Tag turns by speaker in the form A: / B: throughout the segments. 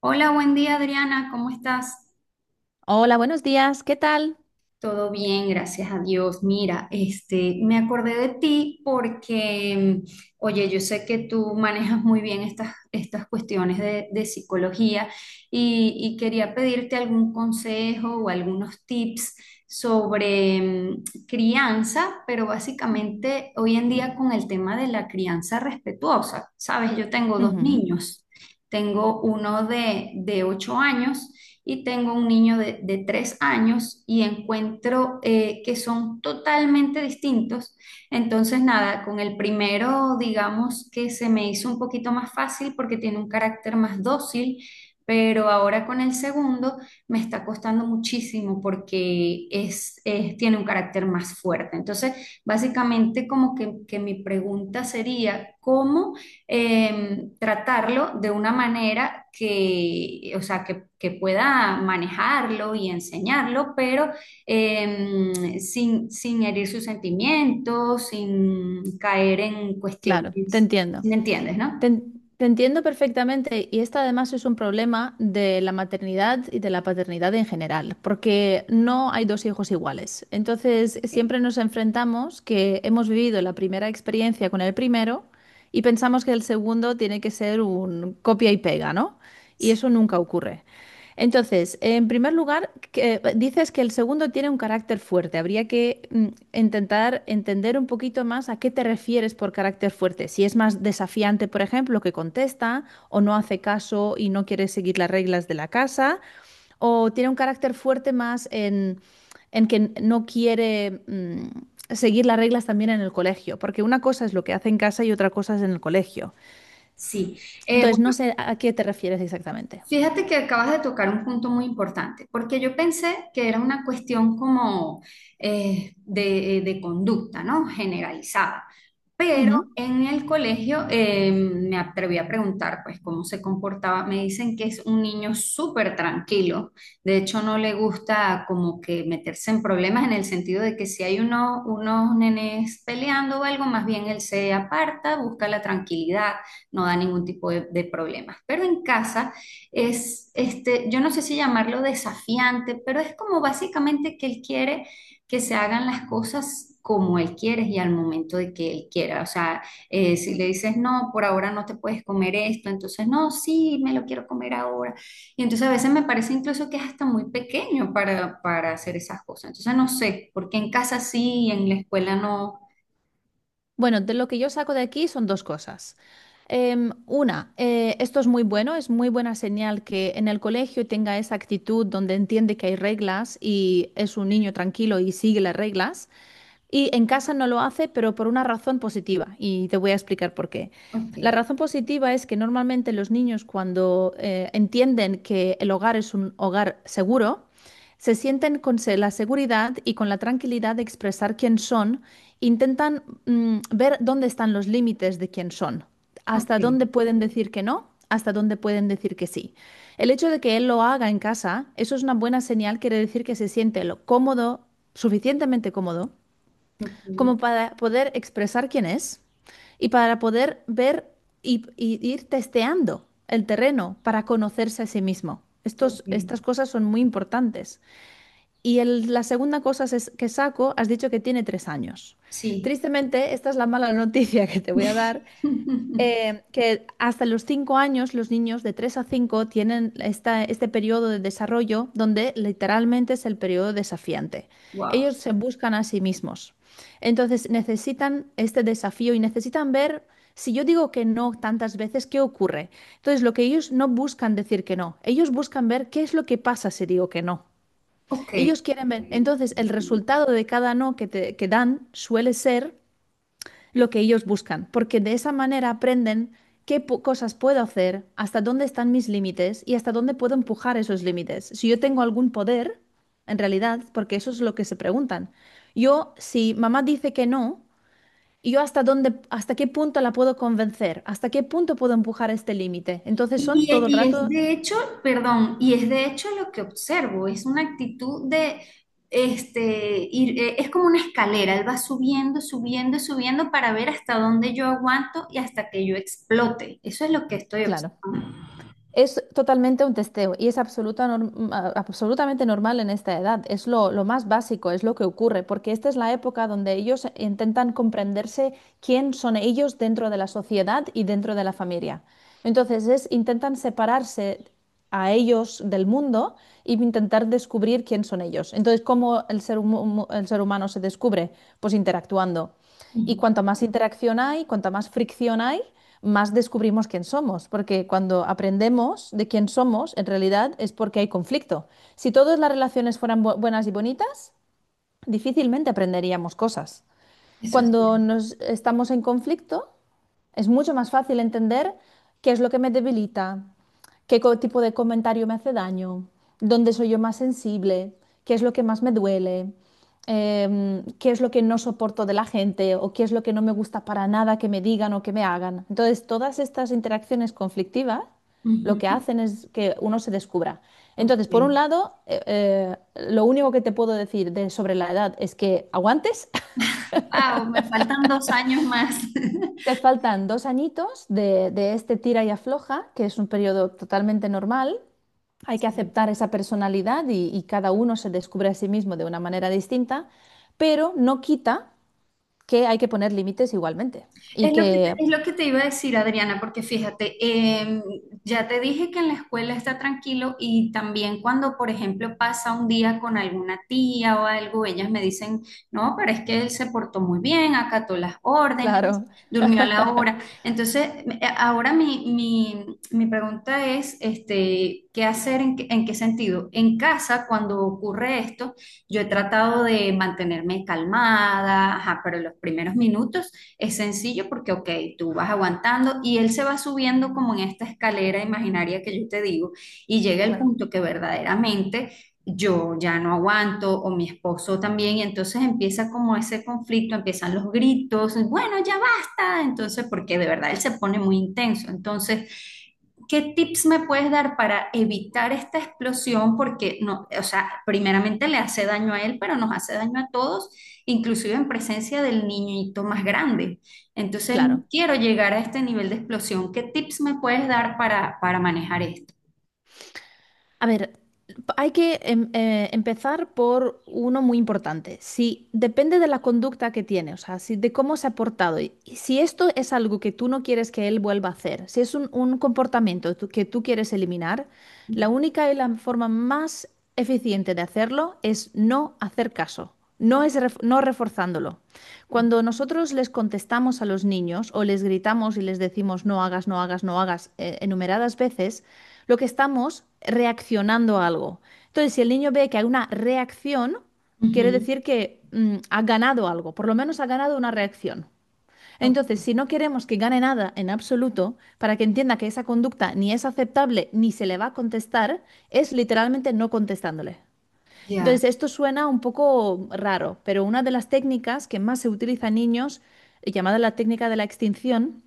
A: Hola, buen día Adriana, ¿cómo estás?
B: Hola, buenos días, ¿qué tal?
A: Todo bien, gracias a Dios. Mira, este, me acordé de ti porque oye, yo sé que tú manejas muy bien estas cuestiones de psicología y quería pedirte algún consejo o algunos tips sobre crianza, pero
B: Mm.
A: básicamente hoy en día con el tema de la crianza respetuosa, ¿sabes? Yo tengo dos
B: Ujú.
A: niños. Tengo uno de 8 años y tengo un niño de 3 años y encuentro que son totalmente distintos. Entonces, nada, con el primero, digamos que se me hizo un poquito más fácil porque tiene un carácter más dócil, pero ahora con el segundo me está costando muchísimo porque es- tiene un carácter más fuerte. Entonces, básicamente como que mi pregunta sería, ¿cómo tratarlo de una manera que, o sea, que pueda manejarlo y enseñarlo, pero sin herir sus sentimientos, sin caer en
B: Claro, te
A: cuestiones,
B: entiendo.
A: me entiendes, no?
B: Te entiendo perfectamente y además es un problema de la maternidad y de la paternidad en general, porque no hay dos hijos iguales. Entonces,
A: Ok.
B: siempre nos enfrentamos que hemos vivido la primera experiencia con el primero y pensamos que el segundo tiene que ser un copia y pega, ¿no? Y eso nunca ocurre. Entonces, en primer lugar, dices que el segundo tiene un carácter fuerte. Habría que intentar entender un poquito más a qué te refieres por carácter fuerte. Si es más desafiante, por ejemplo, que contesta o no hace caso y no quiere seguir las reglas de la casa, o tiene un carácter fuerte más en que no quiere seguir las reglas también en el colegio, porque una cosa es lo que hace en casa y otra cosa es en el colegio.
A: Sí. Eh,
B: Entonces, no sé a qué te refieres exactamente.
A: fíjate que acabas de tocar un punto muy importante, porque yo pensé que era una cuestión como de conducta, ¿no? Generalizada. Pero
B: Ujú.
A: en el colegio me atreví a preguntar, pues, cómo se comportaba. Me dicen que es un niño súper tranquilo. De hecho, no le gusta como que meterse en problemas en el sentido de que si hay uno- unos nenes peleando o algo, más bien él se aparta, busca la tranquilidad, no da ningún tipo de problemas. Pero en casa es, este, yo no sé si llamarlo desafiante, pero es como básicamente que él quiere que se hagan las cosas como él quiere y al momento de que él quiera. O sea, si le dices, no, por ahora no te puedes comer esto, entonces, no, sí, me lo quiero comer ahora. Y entonces a veces me parece incluso que es hasta muy pequeño para hacer esas cosas. Entonces no sé, porque en casa sí y en la escuela no.
B: Bueno, de lo que yo saco de aquí son dos cosas. Una, esto es muy bueno, es muy buena señal que en el colegio tenga esa actitud donde entiende que hay reglas y es un niño tranquilo y sigue las reglas. Y en casa no lo hace, pero por una razón positiva, y te voy a explicar por qué.
A: Ok,
B: La razón positiva es que normalmente los niños cuando entienden que el hogar es un hogar seguro, se sienten con la seguridad y con la tranquilidad de expresar quién son, intentan ver dónde están los límites de quién son,
A: ok,
B: hasta dónde pueden decir que no, hasta dónde pueden decir que sí. El hecho de que él lo haga en casa, eso es una buena señal, quiere decir que se siente lo cómodo, suficientemente cómodo
A: ok,
B: como para poder expresar quién es y para poder ver y ir testeando el terreno para conocerse a sí mismo. Estos,
A: ok,
B: estas cosas son muy importantes. Y la segunda cosa es que saco, has dicho que tiene 3 años.
A: sí.
B: Tristemente, esta es la mala noticia que te voy a dar, que hasta los 5 años los niños de 3 a 5 tienen este periodo de desarrollo donde literalmente es el periodo desafiante.
A: Wow.
B: Ellos se buscan a sí mismos. Entonces necesitan este desafío y necesitan ver, si yo digo que no tantas veces, ¿qué ocurre? Entonces lo que ellos no buscan decir que no, ellos buscan ver qué es lo que pasa si digo que no.
A: Ok. Y,
B: Ellos quieren ver, entonces el resultado de cada no que dan suele ser lo que ellos buscan, porque de esa manera aprenden qué cosas puedo hacer, hasta dónde están mis límites y hasta dónde puedo empujar esos límites. Si yo tengo algún poder, en realidad, porque eso es lo que se preguntan. Yo, si mamá dice que no, yo hasta dónde, hasta qué punto la puedo convencer, hasta qué punto puedo empujar este límite. Entonces son
A: y-
B: todo el
A: y es
B: rato.
A: de hecho, perdón, y es de hecho lo que observo, es una actitud de, este, ir, es como una escalera, él va subiendo, subiendo, subiendo para ver hasta dónde yo aguanto y hasta que yo explote. Eso es lo que estoy
B: Claro.
A: observando.
B: Es totalmente un testeo y es absoluta absolutamente normal en esta edad. Es lo más básico, es lo que ocurre, porque esta es la época donde ellos intentan comprenderse quién son ellos dentro de la sociedad y dentro de la familia. Entonces es, intentan separarse a ellos del mundo y intentar descubrir quién son ellos. Entonces, ¿cómo el el ser humano se descubre? Pues interactuando. Y
A: Ujú.
B: cuanto más interacción hay, cuanta más fricción hay, más descubrimos quién somos, porque cuando aprendemos de quién somos, en realidad es porque hay conflicto. Si todas las relaciones fueran buenas y bonitas, difícilmente aprenderíamos cosas.
A: Eso es
B: Cuando
A: cierto.
B: nos estamos en conflicto, es mucho más fácil entender qué es lo que me debilita, qué tipo de comentario me hace daño, dónde soy yo más sensible, qué es lo que más me duele, qué es lo que no soporto de la gente o qué es lo que no me gusta para nada que me digan o que me hagan. Entonces, todas estas interacciones conflictivas lo
A: Ujú.
B: que hacen es que uno se descubra. Entonces, por un
A: Ok.
B: lado, lo único que te puedo decir de, sobre la edad es que aguantes.
A: Wow, me faltan 2 años más.
B: Te faltan 2 añitos de este tira y afloja, que es un periodo totalmente normal. Hay que aceptar esa personalidad y cada uno se descubre a sí mismo de una manera distinta, pero no quita que hay que poner límites igualmente. Y
A: Es lo que te,
B: que.
A: es lo que te iba a decir, Adriana, porque fíjate, em, ya te dije que en la escuela está tranquilo y también cuando, por ejemplo, pasa un día con alguna tía o algo, ellas me dicen, no, pero es que él se portó muy bien, acató las órdenes,
B: Claro,
A: durmió a la hora. Entonces, ahora mi pregunta es, este, ¿qué hacer? En qué sentido? En casa, cuando ocurre esto, yo he tratado de mantenerme calmada, ajá, pero los primeros minutos es sencillo porque, ok, tú vas aguantando y él se va subiendo como en esta escalera imaginaria que yo te digo y llega el
B: claro,
A: punto que verdaderamente yo ya no aguanto o mi esposo también y entonces empieza como ese conflicto, empiezan los gritos, bueno, ya basta, entonces porque de verdad él se pone muy intenso. Entonces, ¿qué tips me puedes dar para evitar esta explosión? Porque no, o sea, primeramente le hace daño a él, pero nos hace daño a todos inclusive en presencia del niñito más grande. Entonces,
B: claro.
A: quiero llegar a este nivel de explosión. ¿Qué tips me puedes dar para manejar esto?
B: A ver, hay que empezar por uno muy importante. Si depende de la conducta que tiene, o sea, si, de cómo se ha portado, y si esto es algo que tú no quieres que él vuelva a hacer, si es un comportamiento que tú quieres eliminar, la única y la forma más eficiente de hacerlo es no hacer caso, no reforzándolo. Cuando nosotros les contestamos a los niños o les gritamos y les decimos no hagas, no hagas, no hagas enumeradas veces, lo que estamos reaccionando a algo. Entonces, si el niño ve que hay una reacción, quiere
A: Ujú,
B: decir que ha ganado algo, por lo menos ha ganado una reacción.
A: ok,
B: Entonces, si no queremos que gane nada en absoluto, para que entienda que esa conducta ni es aceptable ni se le va a contestar, es literalmente no contestándole.
A: ya.
B: Entonces, esto suena un poco raro, pero una de las técnicas que más se utiliza en niños, llamada la técnica de la extinción,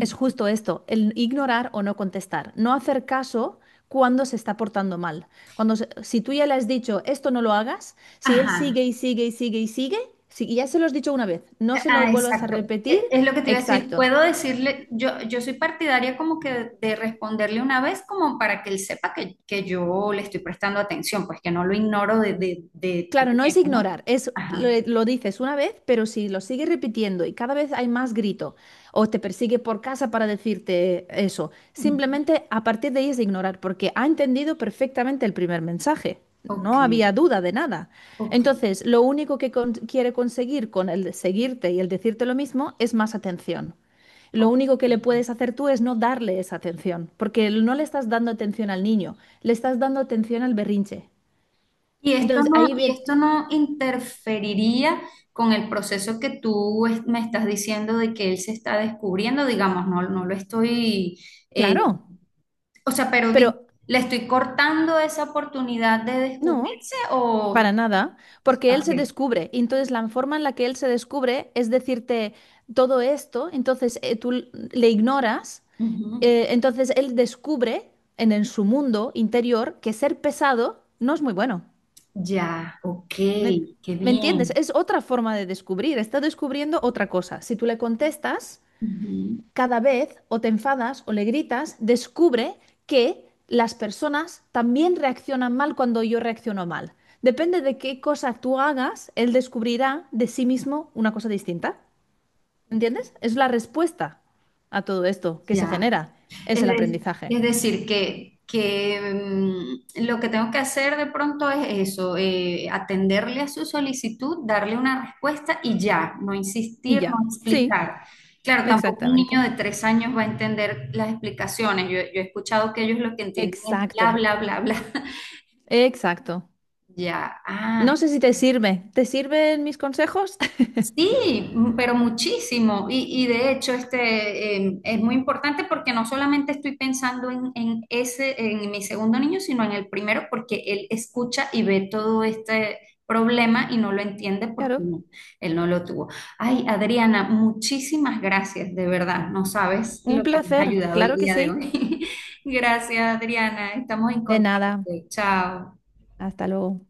B: es justo esto, el ignorar o no contestar, no hacer caso cuando se está portando mal. Cuando si tú ya le has dicho esto no lo hagas, si él
A: Ajá,
B: sigue y sigue y sigue y sigue, si y ya se lo has dicho una vez, no se lo
A: ah,
B: vuelvas a
A: exacto.
B: repetir.
A: E- Es lo que te iba a decir.
B: Exacto.
A: Puedo decirle, yo soy partidaria como que de responderle una vez como para que él sepa que yo le estoy prestando atención, pues que no lo ignoro de
B: Claro, no es
A: primero, ¿no?
B: ignorar, es lo,
A: Ajá.
B: lo dices una vez, pero si lo sigues repitiendo y cada vez hay más grito o te persigue por casa para decirte eso,
A: Ujú.
B: simplemente a partir de ahí es ignorar, porque ha entendido perfectamente el primer mensaje.
A: Ok,
B: No había duda de nada.
A: ok,
B: Entonces, lo único que quiere conseguir con el seguirte y el decirte lo mismo es más atención. Lo único que le puedes hacer tú es no darle esa atención, porque no le estás dando atención al niño, le estás dando atención al berrinche.
A: y esto
B: Entonces,
A: no,
B: ahí
A: y
B: bien.
A: esto no interferiría con el proceso que tú es- me estás diciendo de que él se está descubriendo, digamos, no, no lo estoy, eh,
B: Claro,
A: o sea, pero di-
B: pero
A: le estoy cortando esa oportunidad de
B: no,
A: descubrirse o...
B: para nada, porque él
A: Ok,
B: se descubre. Y entonces la forma en la que él se descubre es decirte todo esto, entonces tú le ignoras,
A: ujú,
B: entonces él descubre en, su mundo interior que ser pesado no es muy bueno.
A: ya, ok,
B: ¿Me,
A: qué
B: me entiendes?
A: bien.
B: Es otra forma de descubrir, está descubriendo otra cosa. Si tú le contestas...
A: Ujú.
B: Cada vez o te enfadas o le gritas, descubre que las personas también reaccionan mal cuando yo reacciono mal. Depende de qué cosa tú hagas, él descubrirá de sí mismo una cosa distinta. ¿Entiendes? Es la respuesta a todo esto que se
A: Ya.
B: genera. Es
A: Es,
B: el
A: de-
B: aprendizaje.
A: es decir, que lo que tengo que hacer de pronto es eso, atenderle a su solicitud, darle una respuesta y ya, no
B: Y
A: insistir, no
B: ya. Sí,
A: explicar. Claro, tampoco un niño
B: exactamente.
A: de 3 años va a entender las explicaciones. Yo he escuchado que ellos lo que entienden es bla,
B: Exacto.
A: bla, bla, bla.
B: Exacto.
A: Ya,
B: No
A: ah,
B: sé si te sirve. ¿Te sirven mis consejos?
A: sí, m- pero muchísimo. Y de hecho, este es muy importante porque no solamente estoy pensando en ese, en mi segundo niño, sino en el primero, porque él escucha y ve todo este problema y no lo entiende porque
B: Claro.
A: no, él no lo tuvo. Ay, Adriana, muchísimas gracias, de verdad. No sabes
B: Un
A: lo que me ha
B: placer.
A: ayudado el
B: Claro que
A: día de
B: sí.
A: hoy. Gracias, Adriana. Estamos en
B: De
A: contacto.
B: nada.
A: Chao.
B: Hasta luego.